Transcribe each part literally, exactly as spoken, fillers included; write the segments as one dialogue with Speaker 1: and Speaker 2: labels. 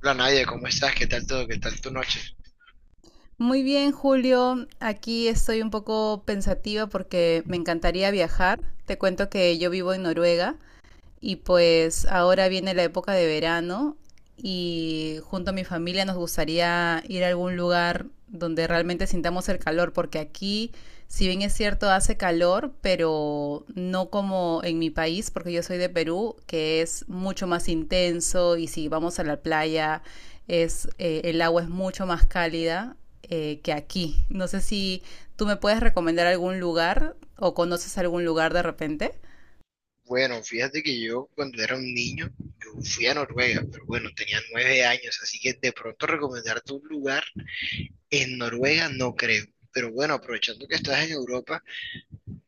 Speaker 1: Hola Nadia, ¿cómo estás? ¿Qué tal todo? ¿Qué tal tu noche?
Speaker 2: Muy bien, Julio. Aquí estoy un poco pensativa porque me encantaría viajar. Te cuento que yo vivo en Noruega y pues ahora viene la época de verano y junto a mi familia nos gustaría ir a algún lugar donde realmente sintamos el calor, porque aquí, si bien es cierto, hace calor, pero no como en mi país, porque yo soy de Perú, que es mucho más intenso y si vamos a la playa, es, eh, el agua es mucho más cálida eh, que aquí. No sé si tú me puedes recomendar algún lugar o conoces algún lugar de repente.
Speaker 1: Bueno, fíjate que yo cuando era un niño, yo fui a Noruega, pero bueno, tenía nueve años, así que de pronto recomendarte un lugar en Noruega no creo. Pero bueno, aprovechando que estás en Europa,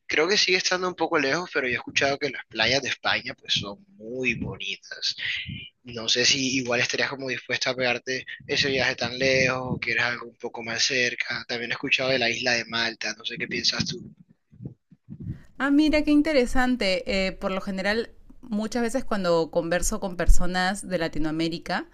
Speaker 1: creo que sigue estando un poco lejos, pero yo he escuchado que las playas de España pues son muy bonitas. No sé si igual estarías como dispuesta a pegarte ese viaje tan lejos o quieres algo un poco más cerca. También he escuchado de la isla de Malta, no sé qué piensas tú.
Speaker 2: Ah, mira, qué interesante. Eh, por lo general, muchas veces cuando converso con personas de Latinoamérica,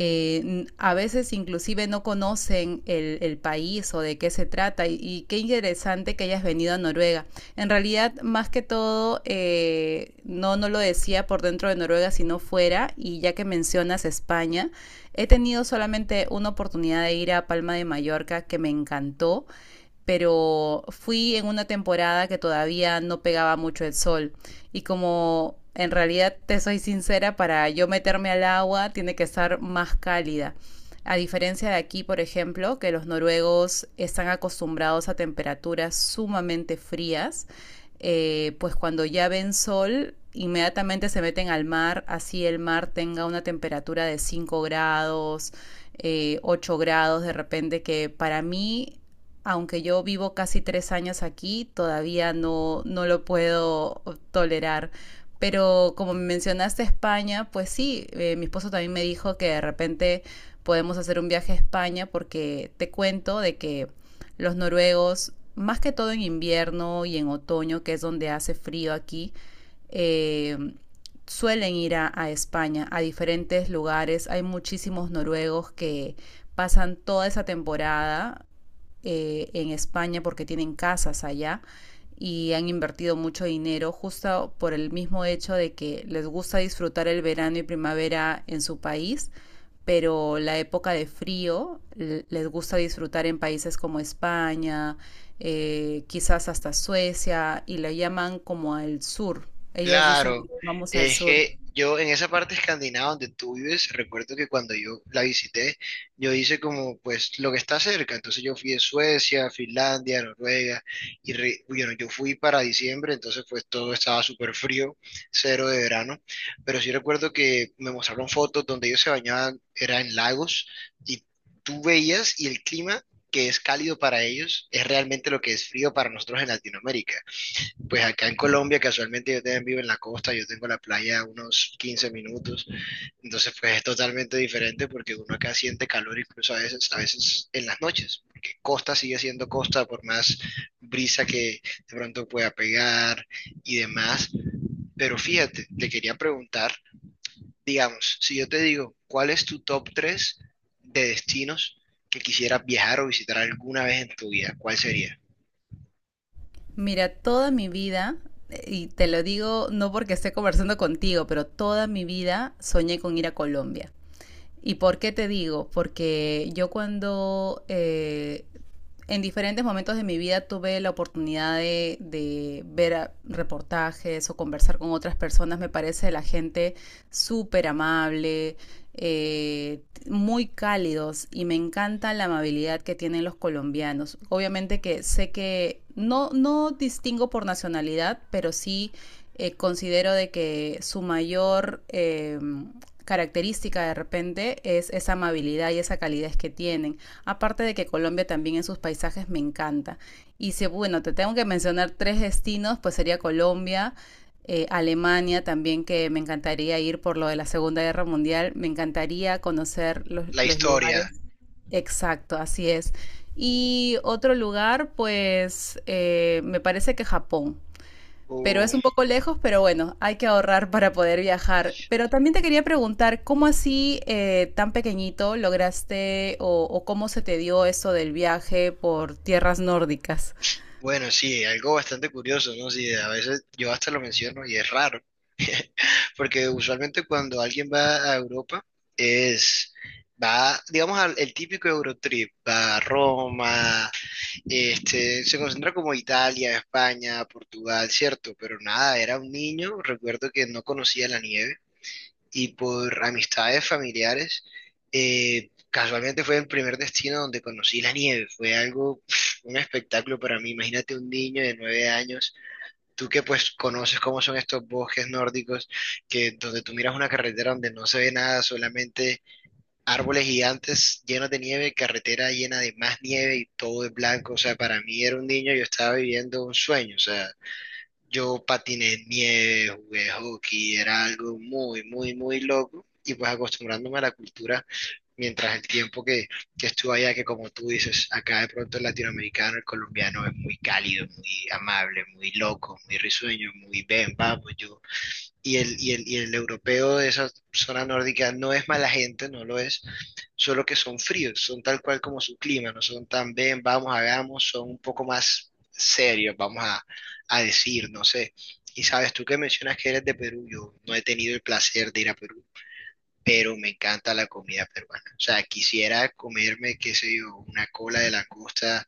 Speaker 2: eh, n- a veces inclusive no conocen el, el país o de qué se trata y, y qué interesante que hayas venido a Noruega. En realidad, más que todo, eh, no, no lo decía por dentro de Noruega, sino fuera, y ya que mencionas España, he tenido solamente una oportunidad de ir a Palma de Mallorca que me encantó, pero fui en una temporada que todavía no pegaba mucho el sol y, como en realidad te soy sincera, para yo meterme al agua tiene que estar más cálida. A diferencia de aquí, por ejemplo, que los noruegos están acostumbrados a temperaturas sumamente frías, eh, pues cuando ya ven sol, inmediatamente se meten al mar, así el mar tenga una temperatura de cinco grados, eh, 8 grados de repente, que para mí, aunque yo vivo casi tres años aquí, todavía no, no lo puedo tolerar. Pero como mencionaste España, pues sí, eh, mi esposo también me dijo que de repente podemos hacer un viaje a España, porque te cuento de que los noruegos, más que todo en invierno y en otoño, que es donde hace frío aquí, eh, suelen ir a, a, España, a diferentes lugares. Hay muchísimos noruegos que pasan toda esa temporada eh, en España porque tienen casas allá y han invertido mucho dinero justo por el mismo hecho de que les gusta disfrutar el verano y primavera en su país, pero la época de frío les gusta disfrutar en países como España, eh, quizás hasta Suecia, y lo llaman como al sur. Ellos dicen,
Speaker 1: Claro,
Speaker 2: vamos al
Speaker 1: es
Speaker 2: sur.
Speaker 1: que yo en esa parte escandinava donde tú vives, recuerdo que cuando yo la visité, yo hice como pues lo que está cerca, entonces yo fui a Suecia, Finlandia, Noruega, y re- bueno, yo fui para diciembre, entonces pues todo estaba súper frío, cero de verano, pero sí recuerdo que me mostraron fotos donde ellos se bañaban, era en lagos, y tú veías y el clima que es cálido para ellos es realmente lo que es frío para nosotros en Latinoamérica. Pues acá en Colombia, casualmente yo también vivo en la costa, yo tengo la playa a unos quince minutos, entonces pues es totalmente diferente porque uno acá siente calor incluso a veces, a veces en las noches, porque costa sigue siendo costa por más brisa que de pronto pueda pegar y demás. Pero fíjate, te quería preguntar, digamos, si yo te digo, ¿cuál es tu top tres de destinos que quisieras viajar o visitar alguna vez en tu vida? ¿Cuál sería?
Speaker 2: Mira, toda mi vida, eh, y te lo digo no porque esté conversando contigo, pero toda mi vida soñé con ir a Colombia. ¿Y por qué te digo? Porque yo cuando eh, en diferentes momentos de mi vida tuve la oportunidad de, de ver a- reportajes o conversar con otras personas. Me parece la gente súper amable, eh, muy cálidos, y me encanta la amabilidad que tienen los colombianos. Obviamente que sé que no, no distingo por nacionalidad, pero sí, eh, considero de que su mayor eh, característica de repente es esa amabilidad y esa calidez que tienen. Aparte de que Colombia también en sus paisajes me encanta. Y si, bueno, te tengo que mencionar tres destinos, pues sería Colombia, eh, Alemania también, que me encantaría ir por lo de la Segunda Guerra Mundial, me encantaría conocer los,
Speaker 1: La
Speaker 2: los lugares.
Speaker 1: historia.
Speaker 2: Exacto, así es. Y otro lugar, pues eh, me parece que Japón, pero
Speaker 1: O...
Speaker 2: es un poco lejos, pero bueno, hay que ahorrar para poder viajar. Pero también te quería preguntar, ¿cómo así eh, tan pequeñito lograste o, o cómo se te dio eso del viaje por tierras nórdicas?
Speaker 1: Bueno, sí, algo bastante curioso, ¿no? Sí, a veces yo hasta lo menciono y es raro, porque usualmente cuando alguien va a Europa es, va, digamos, al, el típico Eurotrip, va a Roma, este, se concentra como Italia, España, Portugal, ¿cierto? Pero nada, era un niño, recuerdo que no conocía la nieve y por amistades familiares, eh, casualmente fue el primer destino donde conocí la nieve. Fue algo, pf, un espectáculo para mí. Imagínate un niño de nueve años, tú que pues conoces cómo son estos bosques nórdicos, que donde tú miras una carretera donde no se ve nada, solamente árboles gigantes llenos de nieve, carretera llena de más nieve y todo es blanco. O sea, para mí era un niño, yo estaba viviendo un sueño. O sea, yo patiné en nieve, jugué hockey, era algo muy, muy, muy loco. Y pues acostumbrándome a la cultura mientras el tiempo que, que estuve allá, que como tú dices, acá de pronto el latinoamericano, el colombiano es muy cálido, muy amable, muy loco, muy risueño, muy ven, vamos, yo y el, y el, y el europeo de esa zona nórdica no es mala gente, no lo es, solo que son fríos, son tal cual como su clima, no son tan ven, vamos, hagamos, son un poco más serios, vamos a, a decir, no sé. Y sabes, tú que mencionas que eres de Perú, yo no he tenido el placer de ir a Perú, pero me encanta la comida peruana. O sea, quisiera comerme, qué sé yo, una cola de langosta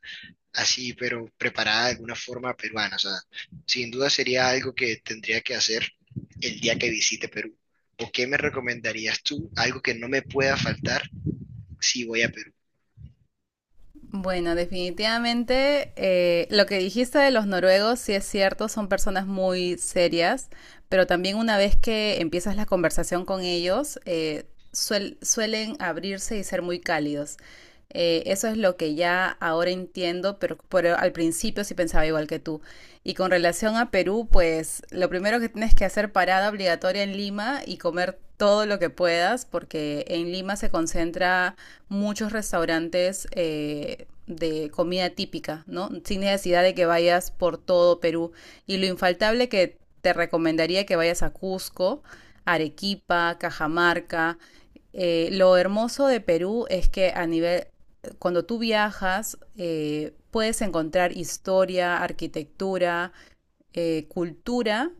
Speaker 1: así, pero preparada de alguna forma peruana. O sea, sin duda sería algo que tendría que hacer el día que visite Perú. ¿O qué me recomendarías tú? Algo que no me pueda faltar si voy a Perú.
Speaker 2: Bueno, definitivamente eh, lo que dijiste de los noruegos, sí es cierto, son personas muy serias, pero también una vez que empiezas la conversación con ellos, eh, suel- suelen abrirse y ser muy cálidos. Eh, eso es lo que ya ahora entiendo, pero, pero al principio sí pensaba igual que tú. Y con relación a Perú, pues lo primero que tienes que hacer, parada obligatoria en Lima y comer todo lo que puedas, porque en Lima se concentra muchos restaurantes eh, de comida típica, ¿no? Sin necesidad de que vayas por todo Perú. Y lo infaltable que te recomendaría que vayas a Cusco, Arequipa, Cajamarca. Eh, lo hermoso de Perú es que, a nivel, cuando tú viajas, eh, puedes encontrar historia, arquitectura, eh, cultura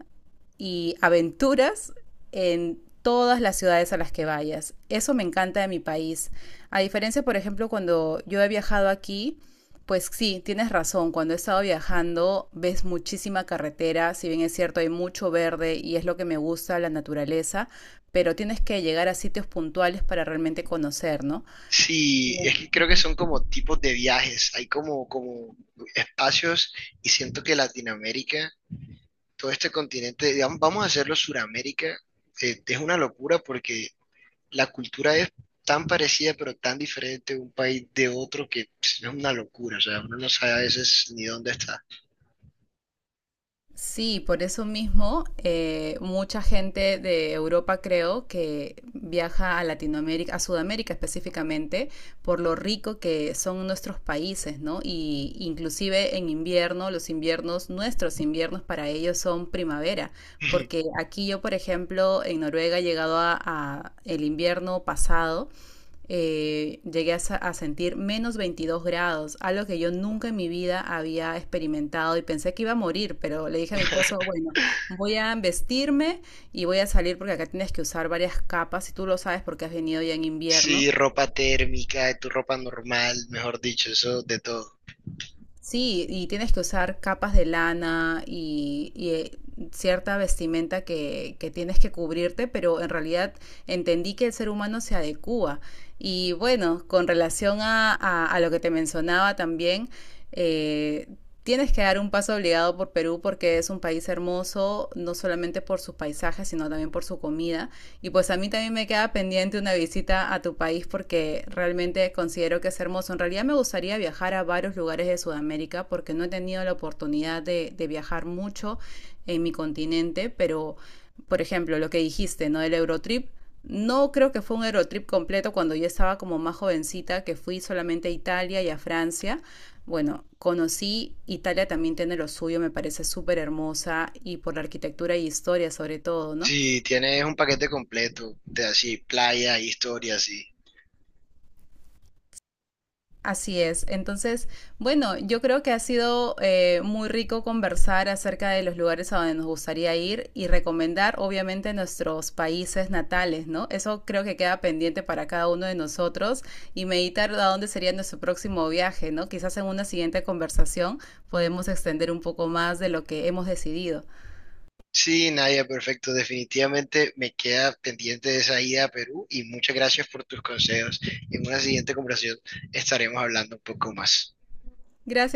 Speaker 2: y aventuras en todas las ciudades a las que vayas. Eso me encanta de mi país. A diferencia, por ejemplo, cuando yo he viajado aquí, pues sí, tienes razón, cuando he estado viajando ves muchísima carretera, si bien es cierto hay mucho verde y es lo que me gusta, la naturaleza, pero tienes que llegar a sitios puntuales para realmente conocer, ¿no?
Speaker 1: Sí, es que creo que son como tipos de viajes, hay como, como espacios y siento que Latinoamérica, todo este continente, digamos, vamos a hacerlo Suramérica, eh, es una locura porque la cultura es tan parecida pero tan diferente de un país de otro que pss, es una locura, o sea, uno no sabe a veces ni dónde está.
Speaker 2: Sí, por eso mismo, eh, mucha gente de Europa creo que viaja a Latinoamérica, a Sudamérica específicamente, por lo rico que son nuestros países, ¿no? Y inclusive en invierno, los inviernos, nuestros inviernos para ellos son primavera, porque aquí yo, por ejemplo, en Noruega he llegado a, a el invierno pasado, eh, llegué a, a, sentir menos veintidós grados, algo que yo nunca en mi vida había experimentado, y pensé que iba a morir, pero le dije a mi esposo, bueno, voy a vestirme y voy a salir, porque acá tienes que usar varias capas y tú lo sabes porque has venido ya en
Speaker 1: Sí,
Speaker 2: invierno.
Speaker 1: ropa térmica, tu ropa normal, mejor dicho, eso de todo.
Speaker 2: Sí, y tienes que usar capas de lana y, y, eh, cierta vestimenta que, que tienes que cubrirte, pero en realidad entendí que el ser humano se adecúa. Y bueno, con relación a, a- a lo que te mencionaba también, eh, tienes que dar un paso obligado por Perú porque es un país hermoso, no solamente por sus paisajes, sino también por su comida. Y pues a mí también me queda pendiente una visita a tu país, porque realmente considero que es hermoso. En realidad me gustaría viajar a varios lugares de Sudamérica porque no he tenido la oportunidad de, de viajar mucho en mi continente, pero, por ejemplo, lo que dijiste, ¿no? Del Eurotrip. No creo que fue un Eurotrip completo cuando yo estaba como más jovencita, que fui solamente a Italia y a Francia. Bueno, conocí Italia, también tiene lo suyo, me parece súper hermosa, y por la arquitectura y historia sobre todo, ¿no?
Speaker 1: Sí, tienes un paquete completo de así, playa, historia, así.
Speaker 2: Así es. Entonces, bueno, yo creo que ha sido eh, muy rico conversar acerca de los lugares a donde nos gustaría ir y recomendar, obviamente, nuestros países natales, ¿no? Eso creo que queda pendiente para cada uno de nosotros y meditar a dónde sería nuestro próximo viaje, ¿no? Quizás en una siguiente conversación podemos extender un poco más de lo que hemos decidido.
Speaker 1: Sí, Nadia, perfecto. Definitivamente me queda pendiente de esa ida a Perú y muchas gracias por tus consejos. En una siguiente conversación estaremos hablando un poco más.
Speaker 2: Gracias.